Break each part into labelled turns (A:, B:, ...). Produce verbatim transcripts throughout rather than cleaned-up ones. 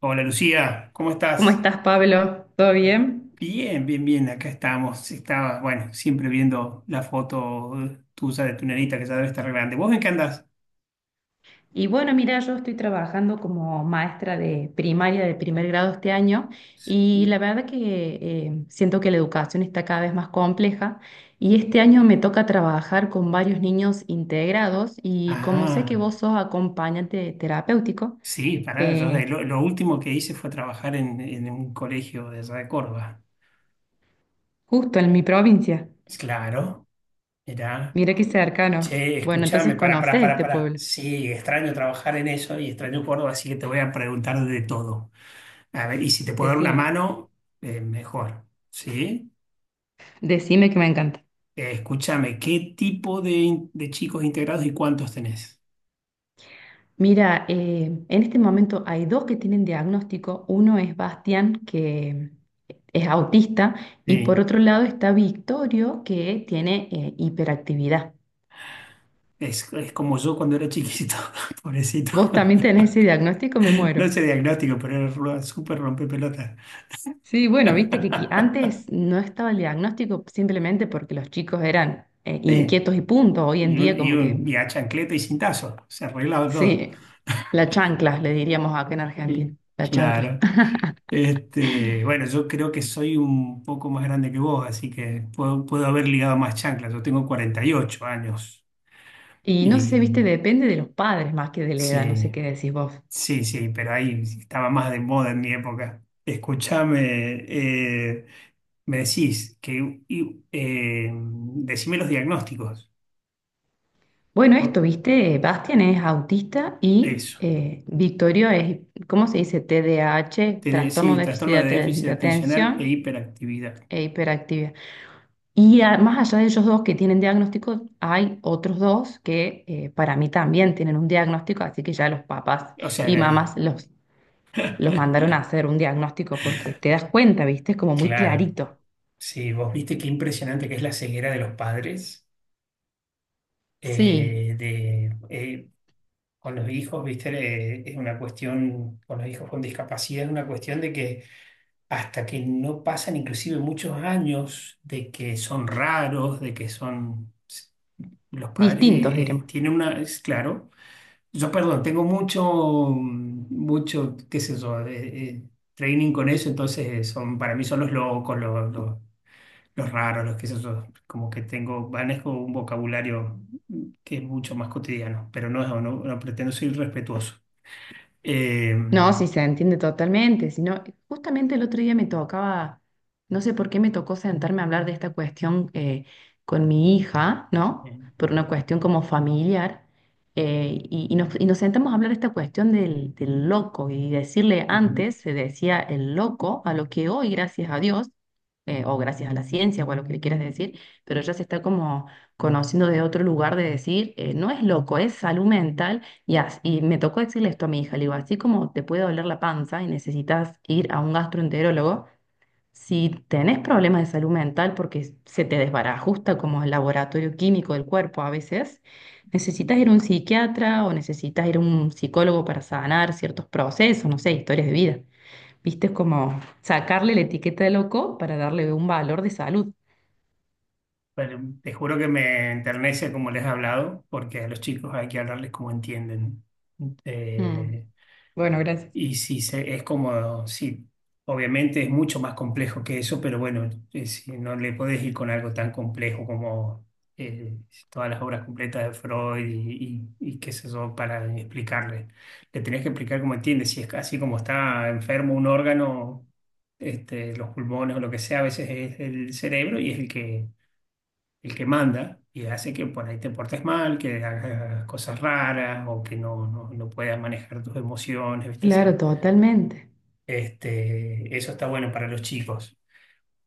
A: Hola Lucía, ¿cómo
B: ¿Cómo
A: estás?
B: estás, Pablo? ¿Todo bien?
A: Bien, bien, bien, acá estamos. Estaba, bueno, siempre viendo la foto tuya de tu nenita que ya debe estar grande. ¿Vos en qué andás?
B: Y bueno, mira, yo estoy trabajando como maestra de primaria de primer grado este año y la verdad que eh, siento que la educación está cada vez más compleja y este año me toca trabajar con varios niños integrados y como sé que
A: Ah,
B: vos sos acompañante terapéutico,
A: sí, pará, yo de-
B: eh,
A: lo, lo último que hice fue trabajar en, en un colegio de allá de Córdoba.
B: justo en mi provincia,
A: Claro, mirá.
B: mira qué cercanos.
A: Che,
B: Bueno, entonces
A: escuchame, pará, pará,
B: conoces
A: pará,
B: este
A: pará.
B: pueblo.
A: Sí, extraño trabajar en eso y extraño Córdoba, así que te voy a preguntar de todo. A ver, y si te puedo dar una
B: Decime,
A: mano, eh, mejor. ¿Sí?
B: decime que me encanta.
A: Eh, escúchame, ¿qué tipo de, in- de chicos integrados y cuántos tenés?
B: Mira, eh, en este momento hay dos que tienen diagnóstico. Uno es Bastián, que es autista, y por
A: Sí,
B: otro lado está Victorio, que tiene eh, hiperactividad.
A: es, es como yo cuando era chiquito, pobrecito.
B: ¿Vos también tenés ese diagnóstico? Me
A: No
B: muero.
A: sé diagnóstico, pero era ru- súper rompepelota.
B: Sí, bueno, viste que qui- antes no estaba el diagnóstico simplemente porque los chicos eran eh,
A: Sí,
B: inquietos y punto. Hoy en
A: y,
B: día
A: un, y,
B: como
A: un,
B: que,
A: y a chancleta y cintazo, se arreglaba todo.
B: sí, la chancla, le diríamos acá en Argentina,
A: Sí.
B: la chancla.
A: Claro. Este, bueno, yo creo que soy un poco más grande que vos, así que puedo, puedo haber ligado más chanclas. Yo tengo cuarenta y ocho años
B: Y no sé,
A: y
B: viste, depende de los padres más que de la edad, no sé
A: sí.
B: qué decís vos.
A: Sí, sí, pero ahí estaba más de moda en mi época. Escúchame, eh, me decís que y, eh, decime los diagnósticos.
B: Bueno, esto,
A: ¿No?
B: viste, Bastian es autista y
A: Eso.
B: eh, Victorio es, ¿cómo se dice? T D A H,
A: Te de-
B: trastorno
A: sí,
B: de déficit
A: trastorno
B: de,
A: de
B: aten-
A: déficit
B: de
A: atencional e
B: atención
A: hiperactividad.
B: e hiperactividad. Y a- más allá de ellos dos que tienen diagnósticos, hay otros dos que eh, para mí también tienen un diagnóstico, así que ya los papás
A: O
B: y
A: sea,
B: mamás los, los mandaron a hacer un diagnóstico porque te das cuenta, viste, es como muy
A: claro.
B: clarito.
A: Sí, vos viste qué impresionante que es la ceguera de los padres
B: Sí,
A: eh, de, eh, con los hijos, viste. Eh, es una cuestión, con los hijos con discapacidad, es una cuestión de que hasta que no pasan inclusive muchos años de que son raros, de que son los padres
B: distintos,
A: eh, eh,
B: diremos.
A: tienen una, es claro, yo perdón, tengo mucho, mm, mucho, qué sé yo, eh, eh, training con eso, entonces eh, son, para mí son los locos, los, los, los raros, los qué sé yo, como que tengo, manejo un vocabulario mm, que es mucho más cotidiano, pero no, no, no pretendo ser irrespetuoso. Eh,
B: No, sí, se entiende totalmente, sino justamente el otro día me tocaba, no sé por qué me tocó sentarme a hablar de esta cuestión eh, con mi hija, ¿no?
A: eh,
B: Por una cuestión como familiar, eh, y, y nos, y nos sentamos a hablar de esta cuestión del, del loco y decirle antes, se decía el loco, a lo que hoy, gracias a Dios, eh, o gracias a la ciencia o a lo que le quieras decir, pero ya se está como conociendo de otro lugar de decir, eh, no es loco, es salud mental y, as- y me tocó decirle esto a mi hija, le digo, así como te puede doler la panza y necesitas ir a un gastroenterólogo, si tenés problemas de salud mental porque se te desbarajusta como el laboratorio químico del cuerpo a veces, necesitas ir a un psiquiatra o necesitas ir a un psicólogo para sanar ciertos procesos, no sé, historias de vida. Viste, es como sacarle la etiqueta de loco para darle un valor de salud.
A: Pero te juro que me enternece como les he hablado, porque a los chicos hay que hablarles como entienden.
B: Mm,
A: Eh,
B: bueno, gracias.
A: y si se, es como, sí, obviamente es mucho más complejo que eso, pero bueno, eh, si no le podés ir con algo tan complejo como eh, todas las obras completas de Freud y, y, y qué sé yo, para explicarle. Le tenés que explicar cómo entiende, si es así como está enfermo un órgano, este, los pulmones o lo que sea, a veces es el cerebro y es el que el que manda y hace que por ahí te portes mal, que hagas cosas raras o que no, no, no puedas manejar tus emociones, ¿viste? Esa-.
B: Claro, totalmente.
A: Este, eso está bueno para los chicos.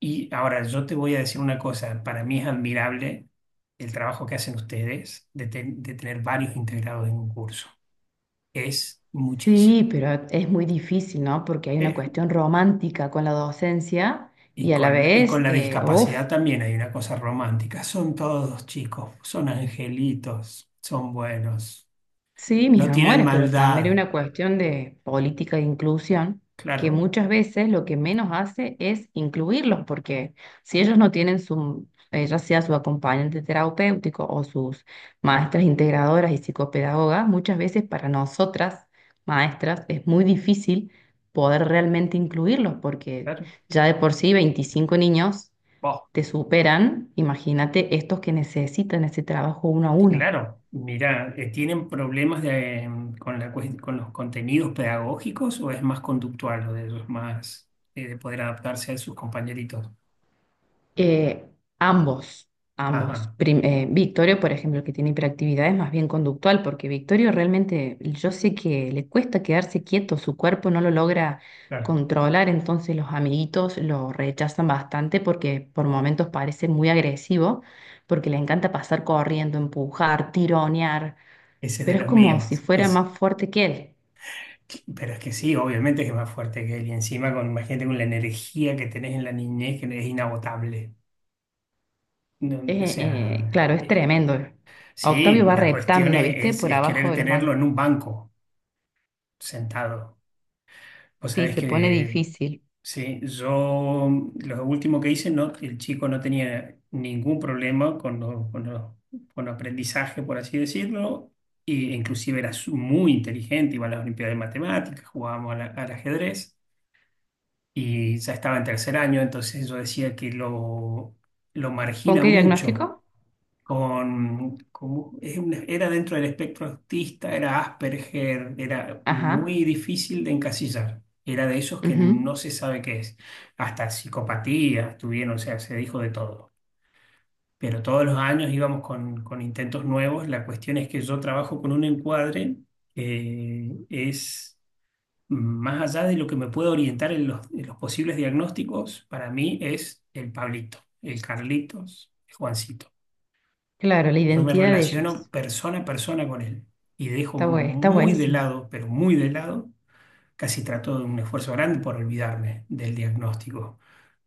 A: Y ahora yo te voy a decir una cosa, para mí es admirable el trabajo que hacen ustedes de, ten- de tener varios integrados en un curso. Es muchísimo.
B: Sí, pero es muy difícil, ¿no? Porque hay una
A: Eh,
B: cuestión romántica con la docencia
A: y
B: y a la
A: con la, y
B: vez,
A: con la
B: uff,
A: discapacidad también hay una cosa romántica. Son todos chicos, son angelitos, son buenos,
B: sí, mis
A: no tienen
B: amores, pero también hay
A: maldad.
B: una cuestión de política de inclusión que
A: Claro,
B: muchas veces lo que menos hace es incluirlos, porque si ellos no tienen su, eh, ya sea su acompañante terapéutico o sus maestras integradoras y psicopedagogas, muchas veces para nosotras, maestras, es muy difícil poder realmente incluirlos, porque
A: claro.
B: ya de por sí veinticinco niños
A: Vos,
B: te superan, imagínate estos que necesitan ese trabajo uno a uno.
A: claro, mira, eh, ¿tienen problemas de, em, con la, cues- con los contenidos pedagógicos o es más conductual lo de ellos, más eh, de poder adaptarse a sus compañeritos?
B: Eh, ambos, ambos.
A: Ajá,
B: Prim- eh, Victorio, por ejemplo, que tiene hiperactividad, es más bien conductual, porque Victorio realmente, yo sé que le cuesta quedarse quieto, su cuerpo no lo logra
A: claro,
B: controlar, entonces los amiguitos lo rechazan bastante porque por momentos parece muy agresivo, porque le encanta pasar corriendo, empujar, tironear,
A: ese es de
B: pero es
A: los
B: como si
A: míos.
B: fuera
A: Es,
B: más fuerte que él.
A: pero es que sí, obviamente que es más fuerte que él. Y encima, con, imagínate con la energía que tenés en la niñez, que es inagotable. No, o
B: Eh, eh,
A: sea,
B: claro, es
A: eh,
B: tremendo. A Octavio
A: sí,
B: va
A: la cuestión
B: reptando, ¿viste?
A: es, es
B: Por
A: es
B: abajo
A: querer
B: de los
A: tenerlo
B: bancos.
A: en un banco, sentado. Vos
B: Sí,
A: sabés
B: se pone
A: que
B: difícil.
A: sí, yo lo último que hice, no, el chico no tenía ningún problema con, lo- con, lo- con aprendizaje, por así decirlo, e inclusive era su- muy inteligente, iba a las Olimpiadas de Matemáticas, jugábamos al, al ajedrez y ya estaba en tercer año, entonces yo decía que lo, lo
B: ¿Con
A: margina
B: qué
A: mucho
B: diagnóstico?
A: con, como- es una- era dentro del espectro autista, era Asperger, era
B: Ajá,
A: muy difícil de encasillar. Era de esos que no
B: ujú.
A: se sabe qué es. Hasta psicopatías tuvieron, o sea, se dijo de todo. Pero todos los años íbamos con, con intentos nuevos. La cuestión es que yo trabajo con un encuadre que es más allá de lo que me puede orientar en los, en los posibles diagnósticos, para mí es el Pablito, el Carlitos, el Juancito.
B: Claro, la
A: Yo me
B: identidad de
A: relaciono
B: ellos.
A: persona a persona con él y dejo
B: Está bue- está
A: muy de
B: buenísimo.
A: lado, pero muy de lado, casi trato de un esfuerzo grande por olvidarme del diagnóstico,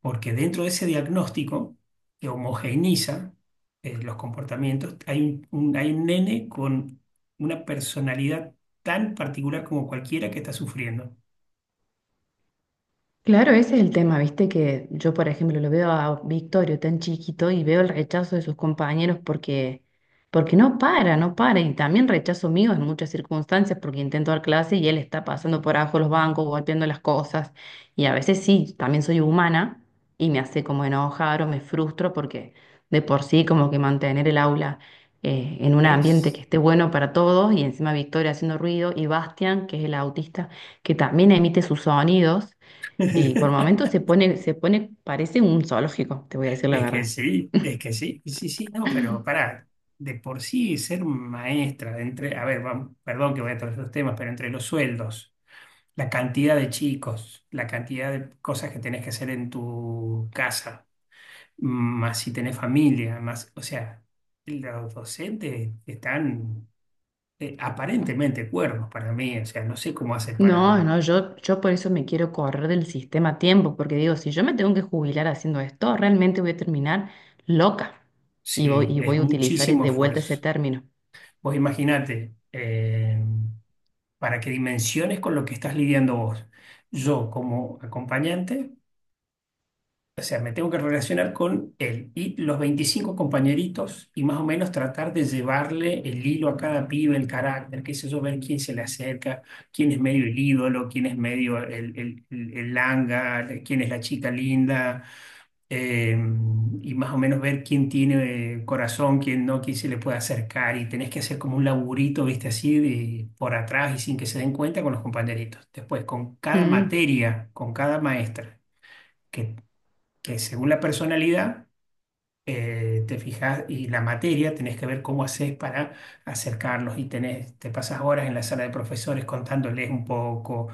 A: porque dentro de ese diagnóstico que homogeneiza eh, los comportamientos, hay un, un- hay un nene con una personalidad tan particular como cualquiera que está sufriendo.
B: Claro, ese es el tema, viste que yo, por ejemplo, lo veo a Victorio tan chiquito y veo el rechazo de sus compañeros porque, porque no para, no para, y también rechazo mío en muchas circunstancias porque intento dar clase y él está pasando por abajo los bancos, golpeando las cosas, y a veces sí, también soy humana y me hace como enojar o me frustro porque de por sí como que mantener el aula eh, en un ambiente que
A: Es,
B: esté bueno para todos y encima Victoria haciendo ruido y Bastian, que es el autista, que también emite sus sonidos. Y por momentos se pone, se pone, parece un zoológico, te voy a decir la
A: es que
B: verdad.
A: sí, es que sí, y sí, sí, no, pero pará, de por sí ser maestra, de entre, a ver, vam- perdón que voy a todos los temas, pero entre los sueldos, la cantidad de chicos, la cantidad de cosas que tenés que hacer en tu casa, más si tenés familia, más, o sea, los docentes están eh, aparentemente cuerdos para mí, o sea, no sé cómo hacen
B: No,
A: para,
B: no, yo, yo por eso me quiero correr del sistema a tiempo, porque digo, si yo me tengo que jubilar haciendo esto, realmente voy a terminar loca. Y voy,
A: sí,
B: y
A: es
B: voy a utilizar
A: muchísimo
B: de vuelta ese
A: esfuerzo.
B: término.
A: Vos imaginate. Eh, para que dimensiones con lo que estás lidiando vos. Yo como acompañante, o sea, me tengo que relacionar con él y los veinticinco compañeritos y más o menos tratar de llevarle el hilo a cada pibe, el carácter, qué sé yo, ver quién se le acerca, quién es medio el ídolo, quién es medio el, el, el- el langa, quién es la chica linda, eh, y más o menos ver quién tiene eh, corazón, quién no, quién se le puede acercar y tenés que hacer como un laburito, viste, así de, por atrás y sin que se den cuenta con los compañeritos. Después, con cada
B: Mm.
A: materia, con cada maestra, que, que según la personalidad eh, te fijas y la materia tenés que ver cómo haces para acercarlos y tenés, te pasas horas en la sala de profesores contándoles un poco,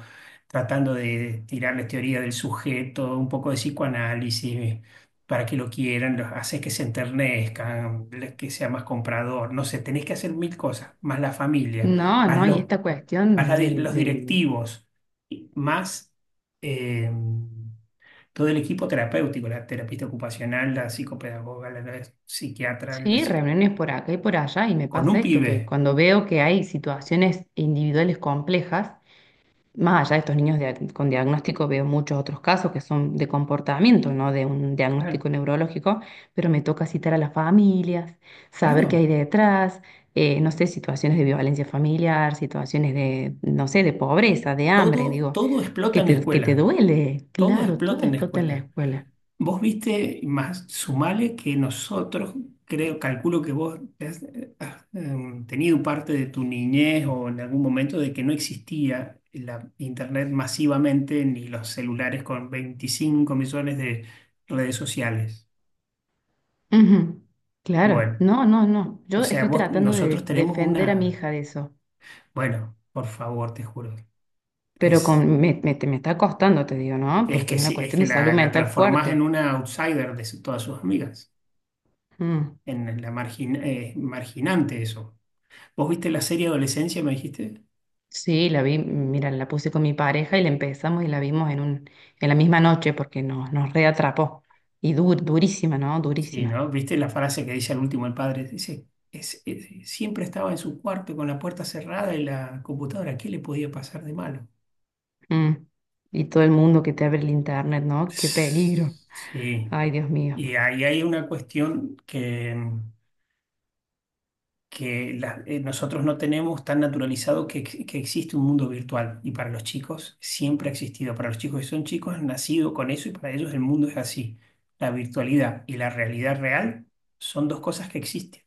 A: tratando de tirarles teoría del sujeto, un poco de psicoanálisis para que lo quieran, los haces que se enternezcan, le- que sea más comprador, no sé, tenés que hacer mil cosas, más la familia,
B: No,
A: más
B: no, y
A: los,
B: esta
A: más
B: cuestión
A: la di-
B: del,
A: los
B: del...
A: directivos, y más... em, todo el equipo terapéutico, la terapista ocupacional, la psicopedagoga, la, la psiquiatra, la
B: Sí,
A: psic-
B: reuniones por acá y por allá, y me
A: con
B: pasa
A: un
B: esto, que
A: pibe.
B: cuando veo que hay situaciones individuales complejas, más allá de estos niños dia- con diagnóstico, veo muchos otros casos que son de comportamiento, no de un
A: Claro,
B: diagnóstico neurológico, pero me toca citar a las familias, saber qué
A: claro.
B: hay detrás, eh, no sé, situaciones de violencia familiar, situaciones de, no sé, de pobreza, de hambre,
A: Todo,
B: digo,
A: todo explota
B: que
A: en la
B: te, que te
A: escuela.
B: duele.
A: Todo
B: Claro, todo
A: explota en la
B: explota en la
A: escuela.
B: escuela.
A: Vos viste, más sumale que nosotros, creo, calculo que vos has, eh, has, eh, tenido parte de tu niñez o en algún momento de que no existía la internet masivamente ni los celulares con veinticinco millones de redes sociales.
B: Ujú, claro,
A: Bueno.
B: no, no, no.
A: O
B: Yo
A: sea,
B: estoy
A: vos,
B: tratando
A: nosotros
B: de
A: tenemos
B: defender a mi
A: una.
B: hija de eso,
A: Bueno, por favor, te juro.
B: pero
A: Es,
B: con, me, me, te- me está costando, te digo, ¿no?
A: es
B: Porque
A: que
B: es una
A: sí, es
B: cuestión
A: que
B: de salud
A: la, la
B: mental
A: transformás en
B: fuerte.
A: una outsider de su- todas sus amigas.
B: Mm,
A: En la margin, eh, marginante eso. ¿Vos viste la serie Adolescencia, me dijiste?
B: sí, la vi, mira, la puse con mi pareja y la empezamos y la vimos en un, en la misma noche porque nos, nos reatrapó. Y dur, durísima, ¿no?
A: Sí,
B: Durísima.
A: ¿no? ¿Viste la frase que dice al último el padre? Dice, es, es- siempre estaba en su cuarto con la puerta cerrada y la computadora. ¿Qué le podía pasar de malo?
B: Mm, y todo el mundo que te abre el internet, ¿no? Qué peligro.
A: Sí.
B: Ay, Dios mío.
A: Y ahí hay una cuestión que. Que la- eh, nosotros no tenemos tan naturalizado que, ex- que existe un mundo virtual. Y para los chicos siempre ha existido. Para los chicos que son chicos han nacido con eso y para ellos el mundo es así. La virtualidad y la realidad real son dos cosas que existen.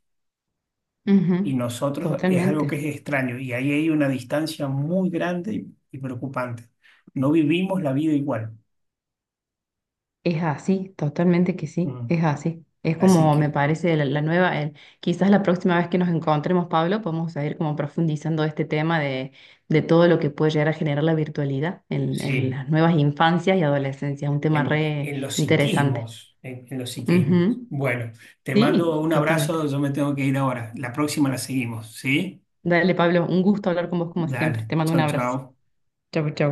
A: Y
B: Ujú,
A: nosotros es algo
B: totalmente.
A: que es extraño. Y ahí hay una distancia muy grande y, y preocupante. No vivimos la vida igual.
B: Es así, totalmente que sí,
A: Mm.
B: es así. Es
A: Así
B: como me
A: que
B: parece la, la nueva, el- quizás la próxima vez que nos encontremos, Pablo, podemos seguir como profundizando este tema de, de todo lo que puede llegar a generar la virtualidad en, en
A: sí.
B: las nuevas infancias y adolescencias, un tema
A: En,
B: re
A: en- en los
B: interesante.
A: psiquismos, en, en los psiquismos.
B: Ujú.
A: Bueno, te mando
B: Sí,
A: un
B: totalmente.
A: abrazo, yo me tengo que ir ahora. La próxima la seguimos, ¿sí?
B: Dale, Pablo, un gusto hablar con vos como siempre.
A: Dale,
B: Te mando un
A: chau,
B: abrazo.
A: chau.
B: Chau, chau.